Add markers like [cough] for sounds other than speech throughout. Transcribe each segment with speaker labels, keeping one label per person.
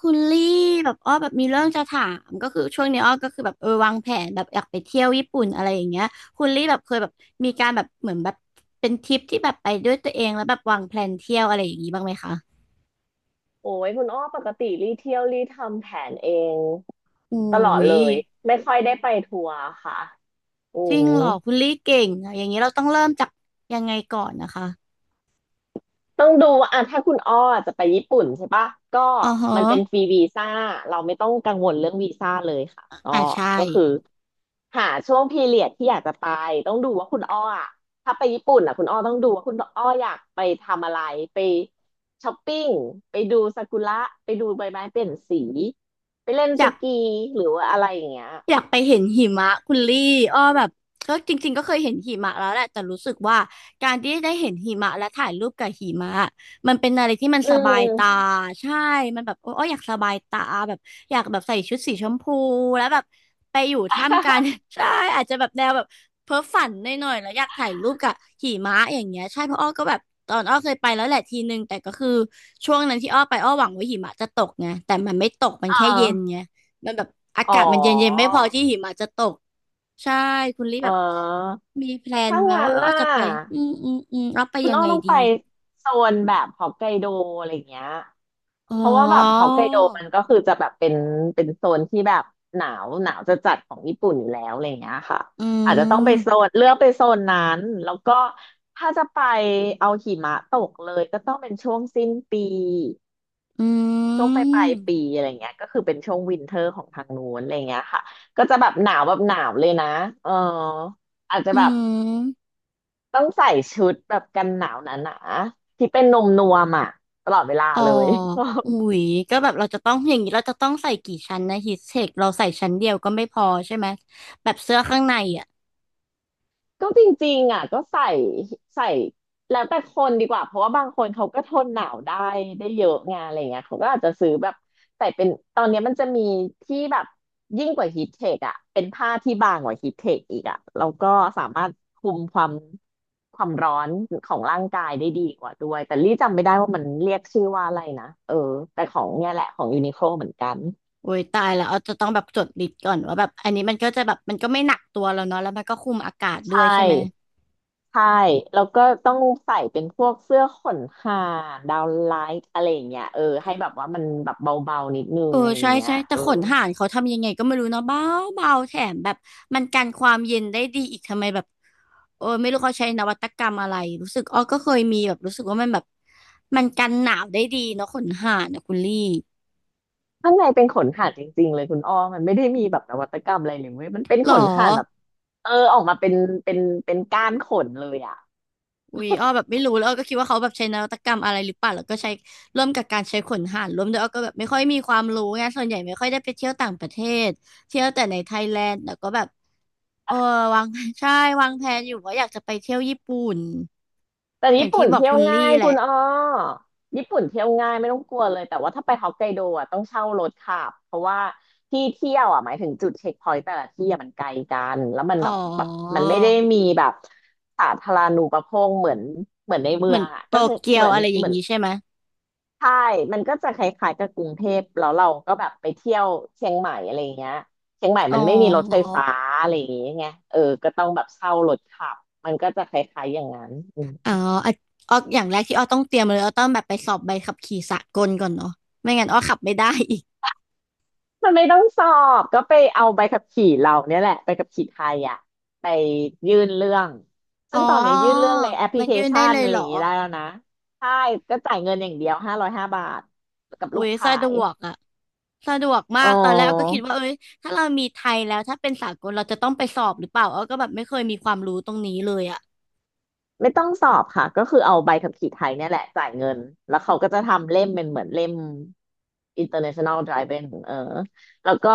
Speaker 1: คุณลี่แบบอ้อแบบมีเรื่องจะถามก็คือช่วงนี้อ้อก็คือแบบเออวางแผนแบบอยากไปเที่ยวญี่ปุ่นอะไรอย่างเงี้ยคุณลี่แบบเคยแบบมีการแบบเหมือนแบบเป็นทริปที่แบบไปด้วยตัวเองแล้วแบบวางแพลนเที่ยวอะไรอย่างงี้บ้างไหมคะ
Speaker 2: โอ้ยคุณอ้อปกติรีเที่ยวรีทำแผนเอง
Speaker 1: อุ้
Speaker 2: ตลอด
Speaker 1: ย
Speaker 2: เลยไม่ค่อยได้ไปทัวร์ค่ะอื
Speaker 1: จริง
Speaker 2: ม
Speaker 1: เหรอคุณลี่เก่งอะอย่างนี้เราต้องเริ่มจากยังไงก่อนนะคะ
Speaker 2: ต้องดูว่าอ่ะถ้าคุณอ้อจะไปญี่ปุ่นใช่ปะก็
Speaker 1: อ๋อฮะ
Speaker 2: มันเป็นฟรีวีซ่าเราไม่ต้องกังวลเรื่องวีซ่าเลยค่ะอ้อ
Speaker 1: อ่าใช่
Speaker 2: ก็คือหาช่วงพีเรียดที่อยากจะไปต้องดูว่าคุณอ้ออะถ้าไปญี่ปุ่นอ่ะคุณอ้อต้องดูว่าคุณอ้ออยากไปทำอะไรไปช้อปปิ้งไปดูซากุระไปดูใบไม้เปลี่ยนสีไปเล่น
Speaker 1: อ
Speaker 2: ส
Speaker 1: ยาก
Speaker 2: กีหรือว่าอะไรอย่างเงี้ย
Speaker 1: อยากไปเห็นหิมะคุณลี่อ้อแบบก็จริงๆก็เคยเห็นหิมะแล้วแหละแต่รู้สึกว่าการที่ได้เห็นหิมะและถ่ายรูปกับหิมะมันเป็นอะไรที่มัน
Speaker 2: อื
Speaker 1: สบา
Speaker 2: ม
Speaker 1: ยตาใช่มันแบบโอ้ออยากสบายตาแบบอยากแบบใส่ชุดสีชมพูแล้วแบบไปอยู่ท่ามกลาง [laughs] ใช่อาจจะแบบแนวแบบเพ้อฝันหน่อยๆแล้วอยากถ่ายรูปกับหิมะอย่างเงี้ยใช่เพราะอ้อก็แบบตอนอ้อเคยไปแล้วแหละทีนึงแต่ก็คือช่วงนั้นที่อ้อไปอ้อหวังว่าหิมะจะตกไงแต่มันไม่ตกมันแค่
Speaker 2: อ่า
Speaker 1: เย็นไง มันแบบอา
Speaker 2: อ๋อ
Speaker 1: กาศมันเย็นๆไม่พอที่หิมะจะตกใช่คุณลี่
Speaker 2: เอ
Speaker 1: แบบ
Speaker 2: อ
Speaker 1: มีแพลน
Speaker 2: ถ้า
Speaker 1: ไหม
Speaker 2: งั้
Speaker 1: ว่า
Speaker 2: น
Speaker 1: เออ
Speaker 2: หน่ะ
Speaker 1: จะไปอืมเราไป
Speaker 2: คุณ
Speaker 1: ยัง
Speaker 2: อ้อ
Speaker 1: ไง
Speaker 2: ต้อง
Speaker 1: ดี
Speaker 2: ไปโซนแบบฮอกไกโดอะไรอย่างเงี้ย
Speaker 1: อ๋อ
Speaker 2: เพราะว่าแบบฮอกไกโดมันก็คือจะแบบเป็นโซนที่แบบหนาวหนาวจะจัดของญี่ปุ่นอยู่แล้วอะไรอย่างเงี้ยค่ะ
Speaker 1: อื
Speaker 2: อาจจะต้องไปโซ
Speaker 1: ม
Speaker 2: นเลือกไปโซนนั้น แล้วก็ถ้าจะไปเอาหิมะตกเลยก็ต้องเป็นช่วงสิ้นปี
Speaker 1: อื
Speaker 2: ช่วงปลา
Speaker 1: ม
Speaker 2: ยปีอะไรเงี้ยก็คือเป็นช่วงวินเทอร์ของทางนู้นอะไรเงี้ยค่ะก็จะแบบหนาวแบบหนาวเลยนะเอออาจจะ
Speaker 1: อื
Speaker 2: แบบ
Speaker 1: ม
Speaker 2: ต้องใส่ชุดแบบกันหนาวหนาๆที่เป็นนมนวมอ่ะตลอดเวลา
Speaker 1: อ๋อ
Speaker 2: เลย
Speaker 1: อุ๊ยก็แบบเราจะต้องอย่างนี้เราจะต้องใส่กี่ชั้นนะฮีทเทคเราใส่ชั้นเดียวก็ไม่พอใช่ไหมแบบเสื้อข้างในอ่ะ
Speaker 2: ก็จริงๆอ่ะก็ใส่ใส่แล้วแต่คนดีกว่าเพราะว่าบางคนเขาก็ทนหนาวได้เยอะไงานอะไรเงี้ยเขาก็อาจจะซื้อแบบใส่เป็นตอนเนี้ยมันจะมีที่แบบยิ่งกว่าฮีทเทคอ่ะเป็นผ้าที่บางกว่าฮีทเทคอีกอ่ะแล้วก็สามารถคุมความร้อนของร่างกายได้ดีกว่าด้วยแต่ลี่จำไม่ได้ว่ามันเรียกชื่อว่าอะไรนะเออแต่ของเนี่ยแหละของยูนิโคลเหมือนกัน
Speaker 1: โอ้ยตายแล้วเราจะต้องแบบจดลิสต์ก่อนว่าแบบอันนี้มันก็จะแบบมันก็ไม่หนักตัวแล้วเนาะแล้วมันก็คุมอากาศด้ว
Speaker 2: ใช่
Speaker 1: ยใช่ไหม
Speaker 2: ใช่แล้วก็ต้องใส่เป็นพวกเสื้อขนห่านดาวนไลท์อะไรอย่างเงี้ยเออให้แบบว่ามันแบบเบาๆนิดนึง
Speaker 1: เออ
Speaker 2: อะไรอ
Speaker 1: ใช่
Speaker 2: ย่างเงี้ย
Speaker 1: ใช่แต่
Speaker 2: เออ
Speaker 1: ขนห่านเขาทำยังไงก็ไม่รู้เนาะเบาเบาแถมแบบมันกันความเย็นได้ดีอีกทำไมแบบเออไม่รู้เขาใช้นวัตกรรมอะไรรู้สึกอ้อก็เคยมีแบบรู้สึกว่ามันแบบมันกันหนาวได้ดีเนาะขนห่านนะคุณลี่
Speaker 2: ข้างในเป็นขนห่านจริงๆเลยคุณอ้อมันไม่ได้มีแบบนวัตกรรมอะไรเลยเว้ยมันเป็น
Speaker 1: หร
Speaker 2: ข
Speaker 1: อ
Speaker 2: นห่านแบบเออออกมาเป็นเป็นก้านขนเลยอ่ะ
Speaker 1: วีอ้อแบบไม่รู้แล้วอ้อก็คิดว่าเขาแบบใช้นวัตกรรมอะไรหรือเปล่าแล้วก็ใช้ร่วมกับการใช้ขนห่านร่วมด้วยอ้อก็แบบไม่ค่อยมีความรู้ไงส่วนใหญ่ไม่ค่อยได้ไปเที่ยวต่างประเทศเที่ยวแต่ในไทยแลนด์แต่ก็แบบเออวาง [laughs] ใช่วางแผนอยู่ว่าอยากจะไปเที่ยวญี่ปุ่น
Speaker 2: แต่
Speaker 1: อย่า
Speaker 2: ญี่
Speaker 1: งที่
Speaker 2: ปุ่น
Speaker 1: บอก
Speaker 2: เที่ย
Speaker 1: คุ
Speaker 2: ว
Speaker 1: ณลี่
Speaker 2: ง่าย
Speaker 1: แหละ
Speaker 2: คุณอ้อญี่ปุ่นเที่ยวง่ายไม่ต้องกลัวเลยแต่ว่าถ้าไปฮอกไกโดอ่ะต้องเช่ารถขับเพราะว่าที่เที่ยวอ่ะหมายถึงจุดเช็คพอยต์แต่ละที่อ่ะมันไกลกันแล้วมัน
Speaker 1: อ๋อ
Speaker 2: แบบมันไม่ได้มีแบบสาธารณูปโภคเหมือนในเมื
Speaker 1: เหมื
Speaker 2: อ
Speaker 1: อน
Speaker 2: งอ่ะ
Speaker 1: โต
Speaker 2: ก็คือ
Speaker 1: เกียวอะไรอ
Speaker 2: เห
Speaker 1: ย่าง
Speaker 2: มือน
Speaker 1: นี้ใช่ไหม
Speaker 2: ใช่มันก็จะคล้ายๆกับกรุงเทพแล้วเราก็แบบไปเที่ยวเชียงใหม่อะไรอย่างเงี้ยเชียงใหม่
Speaker 1: อ๋อ
Speaker 2: มันไม่มีรถไฟฟ้าอะไรอย่างเงี้ยไงเออก็ต้องแบบเช่ารถขับมันก็จะคล้ายๆอย่างนั้น
Speaker 1: อ๋ออ่ะอ้ออย่างแรกที่อ้อต้องเตรียมเลยอ้อต้องแบบไปสอบใบขับขี่สากลก่อนเนาะไม่งั้นอ้อขับไม่ได้อีก
Speaker 2: มันไม่ต้องสอบก็ไปเอาใบขับขี่เราเนี่ยแหละไปขับขี่ไทยอ่ะไปยื่นเรื่อง
Speaker 1: อ๋
Speaker 2: ซึ่
Speaker 1: อ
Speaker 2: งตอนนี้ยื่นเรื่องในแอปพลิ
Speaker 1: มัน
Speaker 2: เค
Speaker 1: ยื่นได้
Speaker 2: ชัน
Speaker 1: เลย
Speaker 2: อะไร
Speaker 1: เหร
Speaker 2: อ
Speaker 1: อ
Speaker 2: ย่างนี้ได้แล้วนะใช่ก็จ่ายเงินอย่างเดียว505 บาทกับ
Speaker 1: อุ้
Speaker 2: รูป
Speaker 1: ย
Speaker 2: ถ่า
Speaker 1: สะด
Speaker 2: ย
Speaker 1: วกอะสะดวกมา
Speaker 2: อ๋อ
Speaker 1: กตอนแรกอ้อก็คิดว่าเอ้ยถ้าเรามีไทยแล้วถ้าเป็นสากลเราจะต้องไปสอบหรือเปล่าอ้อก็แบบไม่เคยมีความรู้ตรงนี้เลยอะ
Speaker 2: ไม่ต้องสอบค่ะก็คือเอาใบขับขี่ไทยเนี่ยแหละจ่ายเงินแล้วเขาก็จะทำเล่มเป็นเหมือนเล่ม International Driving เออแล้วก็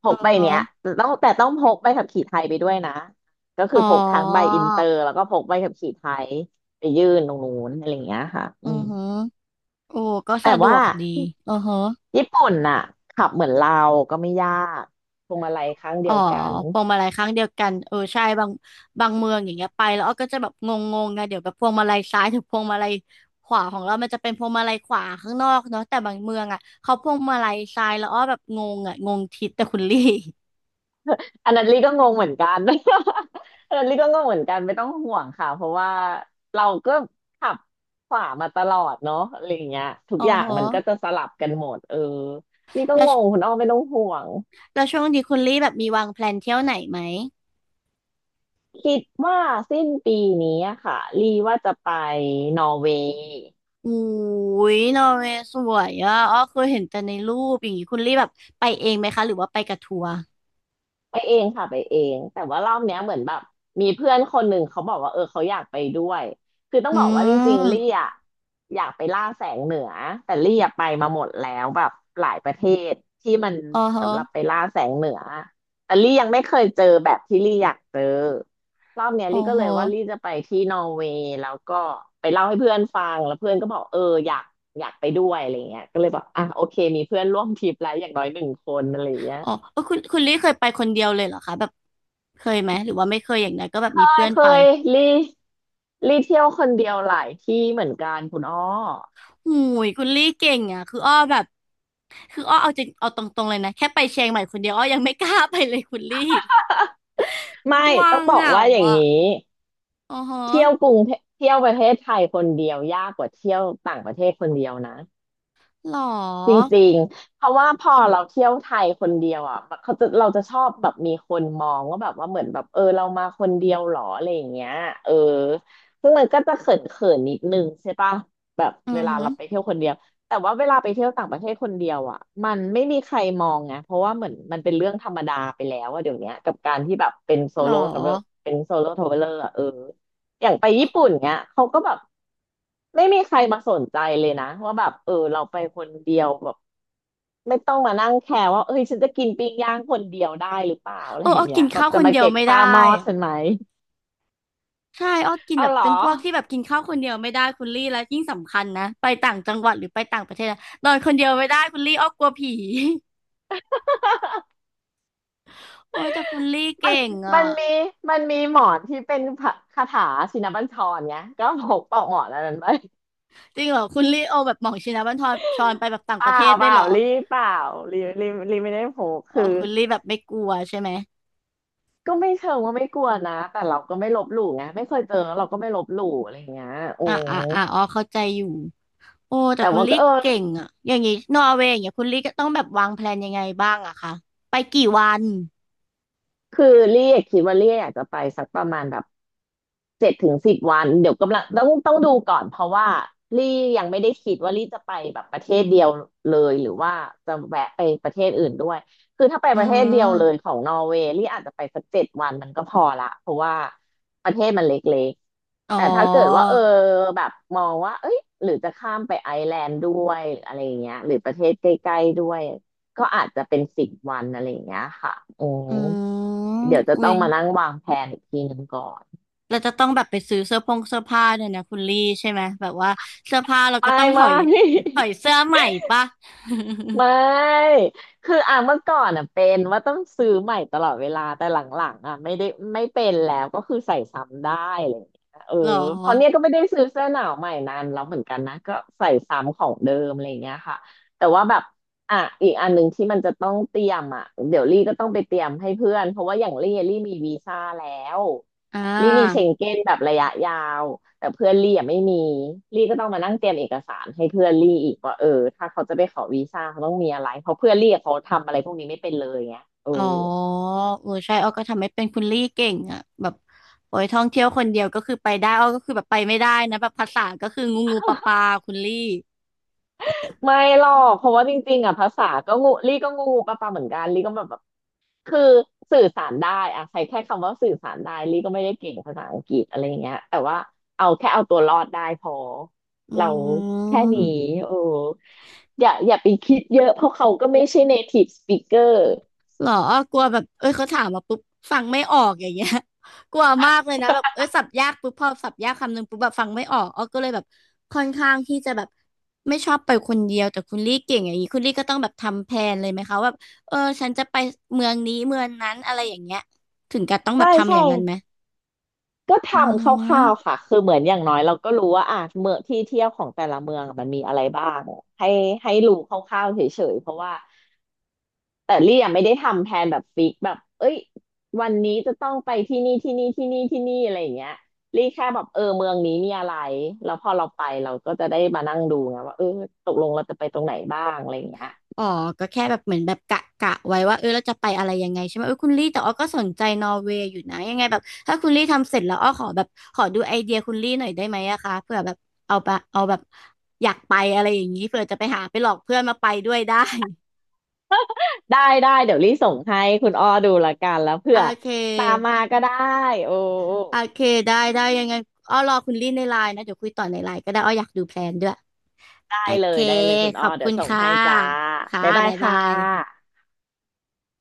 Speaker 2: พ
Speaker 1: อื
Speaker 2: ก
Speaker 1: อ
Speaker 2: ใบ
Speaker 1: ฮะ
Speaker 2: เนี้ยแต่ต้องพกใบขับขี่ไทยไปด้วยนะก็คื
Speaker 1: อ๋
Speaker 2: อ
Speaker 1: อ
Speaker 2: พกทั้งใบอินเตอร์แล้วก็พกใบขับขี่ไทยไปยื่นตรงนู้นอะไรอย่างเงี้ยค่ะ
Speaker 1: อื
Speaker 2: อื
Speaker 1: อ
Speaker 2: ม
Speaker 1: ฮะโอ้ก็
Speaker 2: แต่
Speaker 1: สะดว
Speaker 2: ว่า
Speaker 1: กดีอือฮะ
Speaker 2: ญี่ปุ่นน่ะขับเหมือนเราก็ไม่ยากพวงมาลัยข้าง
Speaker 1: อ๋
Speaker 2: เดี
Speaker 1: อ
Speaker 2: ยวกัน
Speaker 1: พวงมาลัยครั้งเดียวกันเออใช่บางบางเมืองอย่างเงี้ยไปแล้วอ้อก็จะแบบงงๆไงเดี๋ยวแบบพวงมาลัยซ้ายถึงพวงมาลัยขวาของเรามันจะเป็นพวงมาลัยขวาข้างนอกเนาะแต่บางเมืองอ่ะเขาพวงมาลัยซ้ายแล้วอ้อแบบงงอ่ะงงทิศแต่คุณลี่
Speaker 2: อันนั้นลี่ก็งงเหมือนกัน [laughs] อันนั้นลี่ก็งงเหมือนกันไม่ต้องห่วงค่ะเพราะว่าเราก็ขับขวามาตลอดเนาะอะไรอย่างเงี้ยทุ
Speaker 1: [laughs]
Speaker 2: ก
Speaker 1: อ๋อ
Speaker 2: อย่า
Speaker 1: โห
Speaker 2: งมันก็จะสลับกันหมดเออลี่ก็
Speaker 1: แล้ว
Speaker 2: งงคุณอ้อไม่ต้องห่วง
Speaker 1: แล้วช่วงนี้คุณลี่แบบมีวางแพลนเที่ยวไหนไหม
Speaker 2: คิดว่าสิ้นปีนี้อะค่ะลี่ว่าจะไปนอร์เวย์
Speaker 1: อุ้ยนอร์เวย์สวยอ่ะอ้อเคยเห็นแต่ในรูปอย่างงี้คุณลี่แบบไปเองไหมคะหรือว่าไปกับทัวร์
Speaker 2: ไปเองค่ะไปเองแต่ว่ารอบเนี้ยเหมือนแบบมีเพื่อนคนหนึ่งเขาบอกว่าเออเขาอยากไปด้วยคือต้อง
Speaker 1: อื
Speaker 2: บอกว่าจริงๆลี่
Speaker 1: ม
Speaker 2: อะอยากไปล่าแสงเหนือแต่ลี่อะไปมาหมดแล้วแบบหลายประเทศที่มัน
Speaker 1: อ๋อโห
Speaker 2: สำหรับไปล่าแสงเหนือแต่ลี่ยังไม่เคยเจอแบบที่ลี่อยากเจอรอบเนี้ย
Speaker 1: อ๋อ
Speaker 2: ลี่ก็
Speaker 1: โห
Speaker 2: เลยว่าลี่จะไปที่นอร์เวย์แล้วก็ไปเล่าให้เพื่อนฟังแล้วเพื่อนก็บอกเอออยากอยากไปด้วยอะไรเงี้ยก็เลยบอกอ่ะโอเคมีเพื่อนร่วมทริปแล้วอย่างน้อยหนึ่งคนอะไรเงี้ย
Speaker 1: อ๋อเออคุณคุณลี่เคยไปคนเดียวเลยเหรอคะแบบเคยไหมหรือว่าไม่เคยอย่างนั้นก็แบบมีเพื่
Speaker 2: ไม่
Speaker 1: อน
Speaker 2: เค
Speaker 1: ไป
Speaker 2: ยรีรีเที่ยวคนเดียวหลายที่เหมือนกันคุณอ้อ
Speaker 1: หูยคุณลี่เก่งอ่ะคืออ้อแบบคืออ้อเอาจริงเอาตรงๆเลยนะแค่ไปเชียงใหม่คนเดียวอ้อยังไม่กล้าไปเลยคุณลี่
Speaker 2: ไม่
Speaker 1: กลัว
Speaker 2: ต้องบ
Speaker 1: เห
Speaker 2: อก
Speaker 1: งา
Speaker 2: ว่าอย่าง
Speaker 1: อ่ะ
Speaker 2: นี้
Speaker 1: อ๋อฮะ
Speaker 2: เที่ยวกรุงเทเที่ยวประเทศไทยคนเดียวยากกว่าเที่ยวต่างประเทศคนเดียวนะ
Speaker 1: หร
Speaker 2: จ
Speaker 1: อ
Speaker 2: ริงๆเพราะว่าพอเราเที่ยวไทยคนเดียวอ่ะแบบเราจะชอบแบบมีคนมองว่าแบบว่าเหมือนแบบเออเรามาคนเดียวหรออะไรอย่างเงี้ยเออซึ่งมันก็จะเขินๆนนิดนึงใช่ปะแบบ
Speaker 1: อื
Speaker 2: เว
Speaker 1: อ
Speaker 2: ลา
Speaker 1: ฮึ
Speaker 2: เราไปเที่ยวคนเดียวแต่ว่าเวลาไปเที่ยวต่างประเทศคนเดียวอ่ะมันไม่มีใครมองไงเพราะว่าเหมือนมันเป็นเรื่องธรรมดาไปแล้วอะเดี๋ยวเนี้ยกับการที่แบบเป็นโซ
Speaker 1: หรอ
Speaker 2: โล่ทราเวลเป็นโซโล่ทราเวลเลอร์อะเออ อย่างไปญี่ปุ่นเนี้ยเขาก็แบบไม่มีใครมาสนใจเลยนะว่าแบบเออเราไปคนเดียวแบบไม่ต้องมานั่งแคร์ว่าเอ้ยฉันจะกินปิ้งย่างคนเดียวได้หรือเปล่าอะไร
Speaker 1: เออ
Speaker 2: อ
Speaker 1: อ้
Speaker 2: ย่าง
Speaker 1: อ
Speaker 2: เงี้
Speaker 1: กิ
Speaker 2: ย
Speaker 1: น
Speaker 2: แบบ
Speaker 1: ข้าว
Speaker 2: จะ
Speaker 1: คน
Speaker 2: มา
Speaker 1: เดียว
Speaker 2: เก็บ
Speaker 1: ไม่ได้
Speaker 2: ค่าหม้อ
Speaker 1: อะ
Speaker 2: ฉันไหม
Speaker 1: ใช่อ้อกิน
Speaker 2: เอา
Speaker 1: แบบ
Speaker 2: เหรอ
Speaker 1: เป็นพวกที่แบบกินข้าวคนเดียวไม่ได้คุณลี่แล้วยิ่งสำคัญนะไปต่างจังหวัดหรือไปต่างประเทศนะนอนคนเดียวไม่ได้คุณลี่อ้อกลัวผี [laughs] โอ้ยแต่คุณลี่
Speaker 2: มั
Speaker 1: เก่
Speaker 2: น
Speaker 1: งอ่ะ
Speaker 2: มันมันมีหมอนที่เป็นพระคาถาชินบัญชรไงก็พกปอกหมอนอันนั้นไป
Speaker 1: จริงเหรอคุณลี่เอาแบบหม่องชินบัญชรชรไปแบบต่าง
Speaker 2: เป
Speaker 1: ป
Speaker 2: ล่า
Speaker 1: ระเทศ
Speaker 2: เป
Speaker 1: ด้วย
Speaker 2: ล่า
Speaker 1: เหรอ
Speaker 2: รีเปล่ารีรีรีไม่ได้พก
Speaker 1: อ๋อ
Speaker 2: คือ
Speaker 1: คุณลี่แบบไม่กลัวใช่ไหม
Speaker 2: ก็ไม่เชิงว่าไม่กลัวนะแต่เราก็ไม่ลบหลู่ไงไม่เคยเจอเราก็ไม่ลบหลู่อะไรอย่างเงี้ยโอ้
Speaker 1: อ่าอ่าอ่าอ๋อเข้าใจอยู่โอ้แต่
Speaker 2: แต่
Speaker 1: คุณ
Speaker 2: ว่า
Speaker 1: ลี่
Speaker 2: ก็เออ
Speaker 1: เก่งอ่ะอย่างงี้นอร์เวย์อย่างเงี้ยคุณลี่ก็ต้องแบบวางแพลนยังไงบ้างอะคะไปกี่วัน
Speaker 2: คือเรียกคิดว่าเรียกอยากจะไปสักประมาณแบบเจ็ดถึงสิบวันเดี๋ยวกำลังต้องดูก่อนเพราะว่าลี่ยังไม่ได้คิดว่าลี่จะไปแบบประเทศเดียวเลยหรือว่าจะแวะไปประเทศอื่นด้วยคือถ้าไป
Speaker 1: อื
Speaker 2: ประเทศเดียวเลยข
Speaker 1: ม
Speaker 2: องนอร์เวย์ลี่อาจจะไปสักเจ็ดวันมันก็พอละเพราะว่าประเทศมันเล็ก
Speaker 1: อ๋
Speaker 2: ๆ
Speaker 1: อ
Speaker 2: แต่ถ้าเกิดว่าเออแบบมองว่าเอ้ยหรือจะข้ามไปไอร์แลนด์ด้วยหรืออะไรอย่างเงี้ยหรือประเทศใกล้ๆด้วยก็อาจจะเป็นสิบวันอะไรอย่างเงี้ยค่ะโอ
Speaker 1: อืม
Speaker 2: เดี๋ยวจะ
Speaker 1: อุ้
Speaker 2: ต้อ
Speaker 1: ย
Speaker 2: งมานั่งวางแผนอีกทีหนึ่งก่อน
Speaker 1: เราจะต้องแบบไปซื้อเสื้อผงเสื้อผ้าเนี่ยนะคุณลี่ใช่ไหมแบบว่าเสื้อผ้าเราก็
Speaker 2: ไม่
Speaker 1: ต้องถ
Speaker 2: ไม่
Speaker 1: อย
Speaker 2: [laughs]
Speaker 1: ถอยเสื้อใหม่ปะ
Speaker 2: ไม่คืออ่ะเมื่อก่อนอ่ะเป็นว่าต้องซื้อใหม่ตลอดเวลาแต่หลังๆอ่ะไม่เป็นแล้วก็คือใส่ซ้ำได้อะไรอย่างเงี้ยเออ
Speaker 1: [laughs] หรอ
Speaker 2: เพราะเนี้ยก็ไม่ได้ซื้อเสื้อหนาวใหม่นานแล้วเหมือนกันนะก็ใส่ซ้ำของเดิมอะไรอย่างเงี้ยค่ะแต่ว่าแบบอ่ะอีกอันหนึ่งที่มันจะต้องเตรียมอ่ะเดี๋ยวลี่ก็ต้องไปเตรียมให้เพื่อนเพราะว่าอย่างลี่มีวีซ่าแล้ว
Speaker 1: อ่า
Speaker 2: ลี่มีเชงเก้นแบบระยะยาวแต่เพื่อนลี่อ่ะไม่มีลี่ก็ต้องมานั่งเตรียมเอกสารให้เพื่อนลี่อีกว่าเออถ้าเขาจะไปขอวีซ่าเขาต้องมีอะไรเพราะเพื่อนลี่อะเขาทำอะไรพวกนี้ไม่เป็นเลยไงเออ
Speaker 1: อ๋อเออใช่อ้อก็ทำไม่เป็นคุณลี่เก่งอ่ะแบบโอ้ยท่องเที่ยวคนเดียวก็คือไปได้อ้อก็คือแบบไปไม่ได้นะแบบภาษาก็คืองูงูปลาปลาคุณลี่
Speaker 2: ไม่หรอกเพราะว่าจริงๆอ่ะภาษาก็งูลี่ก็งูปะเหมือนกันลี่ก็แบบ คือสื่อสารได้อะใช้แค่คำว่าสื่อสารได้ลี่ก็ไม่ได้เก่งภาษาอังกฤษอะไรอย่างเงี้ยแต่ว่าเอาตัวรอดได้พอ
Speaker 1: อื
Speaker 2: เราแค่นี้
Speaker 1: ม
Speaker 2: โอ้อย่าไปคิดเยอะเพราะเขาก็ไม่ใช่ native speaker
Speaker 1: เหรออ้อกลัวแบบเอ้ยเขาถามมาปุ๊บฟังไม่ออกอย่างเงี้ย [laughs] กลัวมากเลยนะแบบเอ้ยสับยากปุ๊บพอสับยากคำหนึ่งปุ๊บแบบฟังไม่ออกอ้อก็เลยแบบค่อนข้างที่จะแบบไม่ชอบไปคนเดียวแต่คุณลี่เก่งอย่างนี้คุณลี่ก็ต้องแบบทำแผนเลยไหมคะว่าแบบเออฉันจะไปเมืองนี้เมืองนั้นอะไรอย่างเงี้ยถึงกับต้องแบ
Speaker 2: ใช่
Speaker 1: บทำอ
Speaker 2: ใช่
Speaker 1: ย่างนั้นไหม
Speaker 2: ก็ท
Speaker 1: อื
Speaker 2: ำค
Speaker 1: ม
Speaker 2: ร่าวๆค่ะคือเหมือนอย่างน้อยเราก็รู้ว่าอ่ะเมืองที่เที่ยวของแต่ละเมืองมันมีอะไรบ้างให้ให้รู้คร่าวๆเฉยๆเพราะว่า แต่ลี่ยังไม่ได้ทำแพลนแบบฟิกแบบเอ้ยวันนี้จะต้องไปที่นี่ที่นี่ที่นี่อะไรอย่างเงี้ยลี่แค่แบบเออเมืองนี้มีอะไรแล้วพอเราไปเราก็จะได้มานั่งดูไงว่าเออตกลงเราจะไปตรงไหนบ้างอะไรอย่างเงี้ย
Speaker 1: อ๋อ ก็แค่แบบเหมือนแบบกะกะไว้ว่าเออเราจะไปอะไรยังไงใช่ไหมเออคุณลี่แต่อ้อก็สนใจนอร์เวย์อยู่นะยังไงแบบถ้าคุณลี่ทำเสร็จแล้วอ้อขอแบบขอดูไอเดียคุณลี่หน่อยได้ไหมอะคะเผื่อแบบเอาไปเอาแบบอยากไปอะไรอย่างนี้เผื่อจะไปหาไปหลอกเพื่อนมาไปด้วยได้ [laughs]
Speaker 2: ได้เดี๋ยวลี่ส่งให้คุณอ้อดูละกันแล้วเผื่
Speaker 1: โอ
Speaker 2: อ
Speaker 1: เ
Speaker 2: ตาม
Speaker 1: ค
Speaker 2: มาก็ได้โอ้
Speaker 1: โอเคได้ได้ยังไงอ้อรอคุณลี่ในไลน์นะเดี๋ยวคุยต่อในไลน์ก็ได้อ้ออยากดูแพลนด้วย
Speaker 2: ได้
Speaker 1: โอ
Speaker 2: เล
Speaker 1: เค
Speaker 2: ยได้เลยคุณ
Speaker 1: ข
Speaker 2: อ้อ
Speaker 1: อบ
Speaker 2: เดี๋
Speaker 1: คุ
Speaker 2: ยว
Speaker 1: ณ
Speaker 2: ส่ง
Speaker 1: ค่ะ
Speaker 2: ให้จ้า
Speaker 1: ค่ะ
Speaker 2: บ๊ายบาย
Speaker 1: บ๊ายบา
Speaker 2: ค่ะ
Speaker 1: ย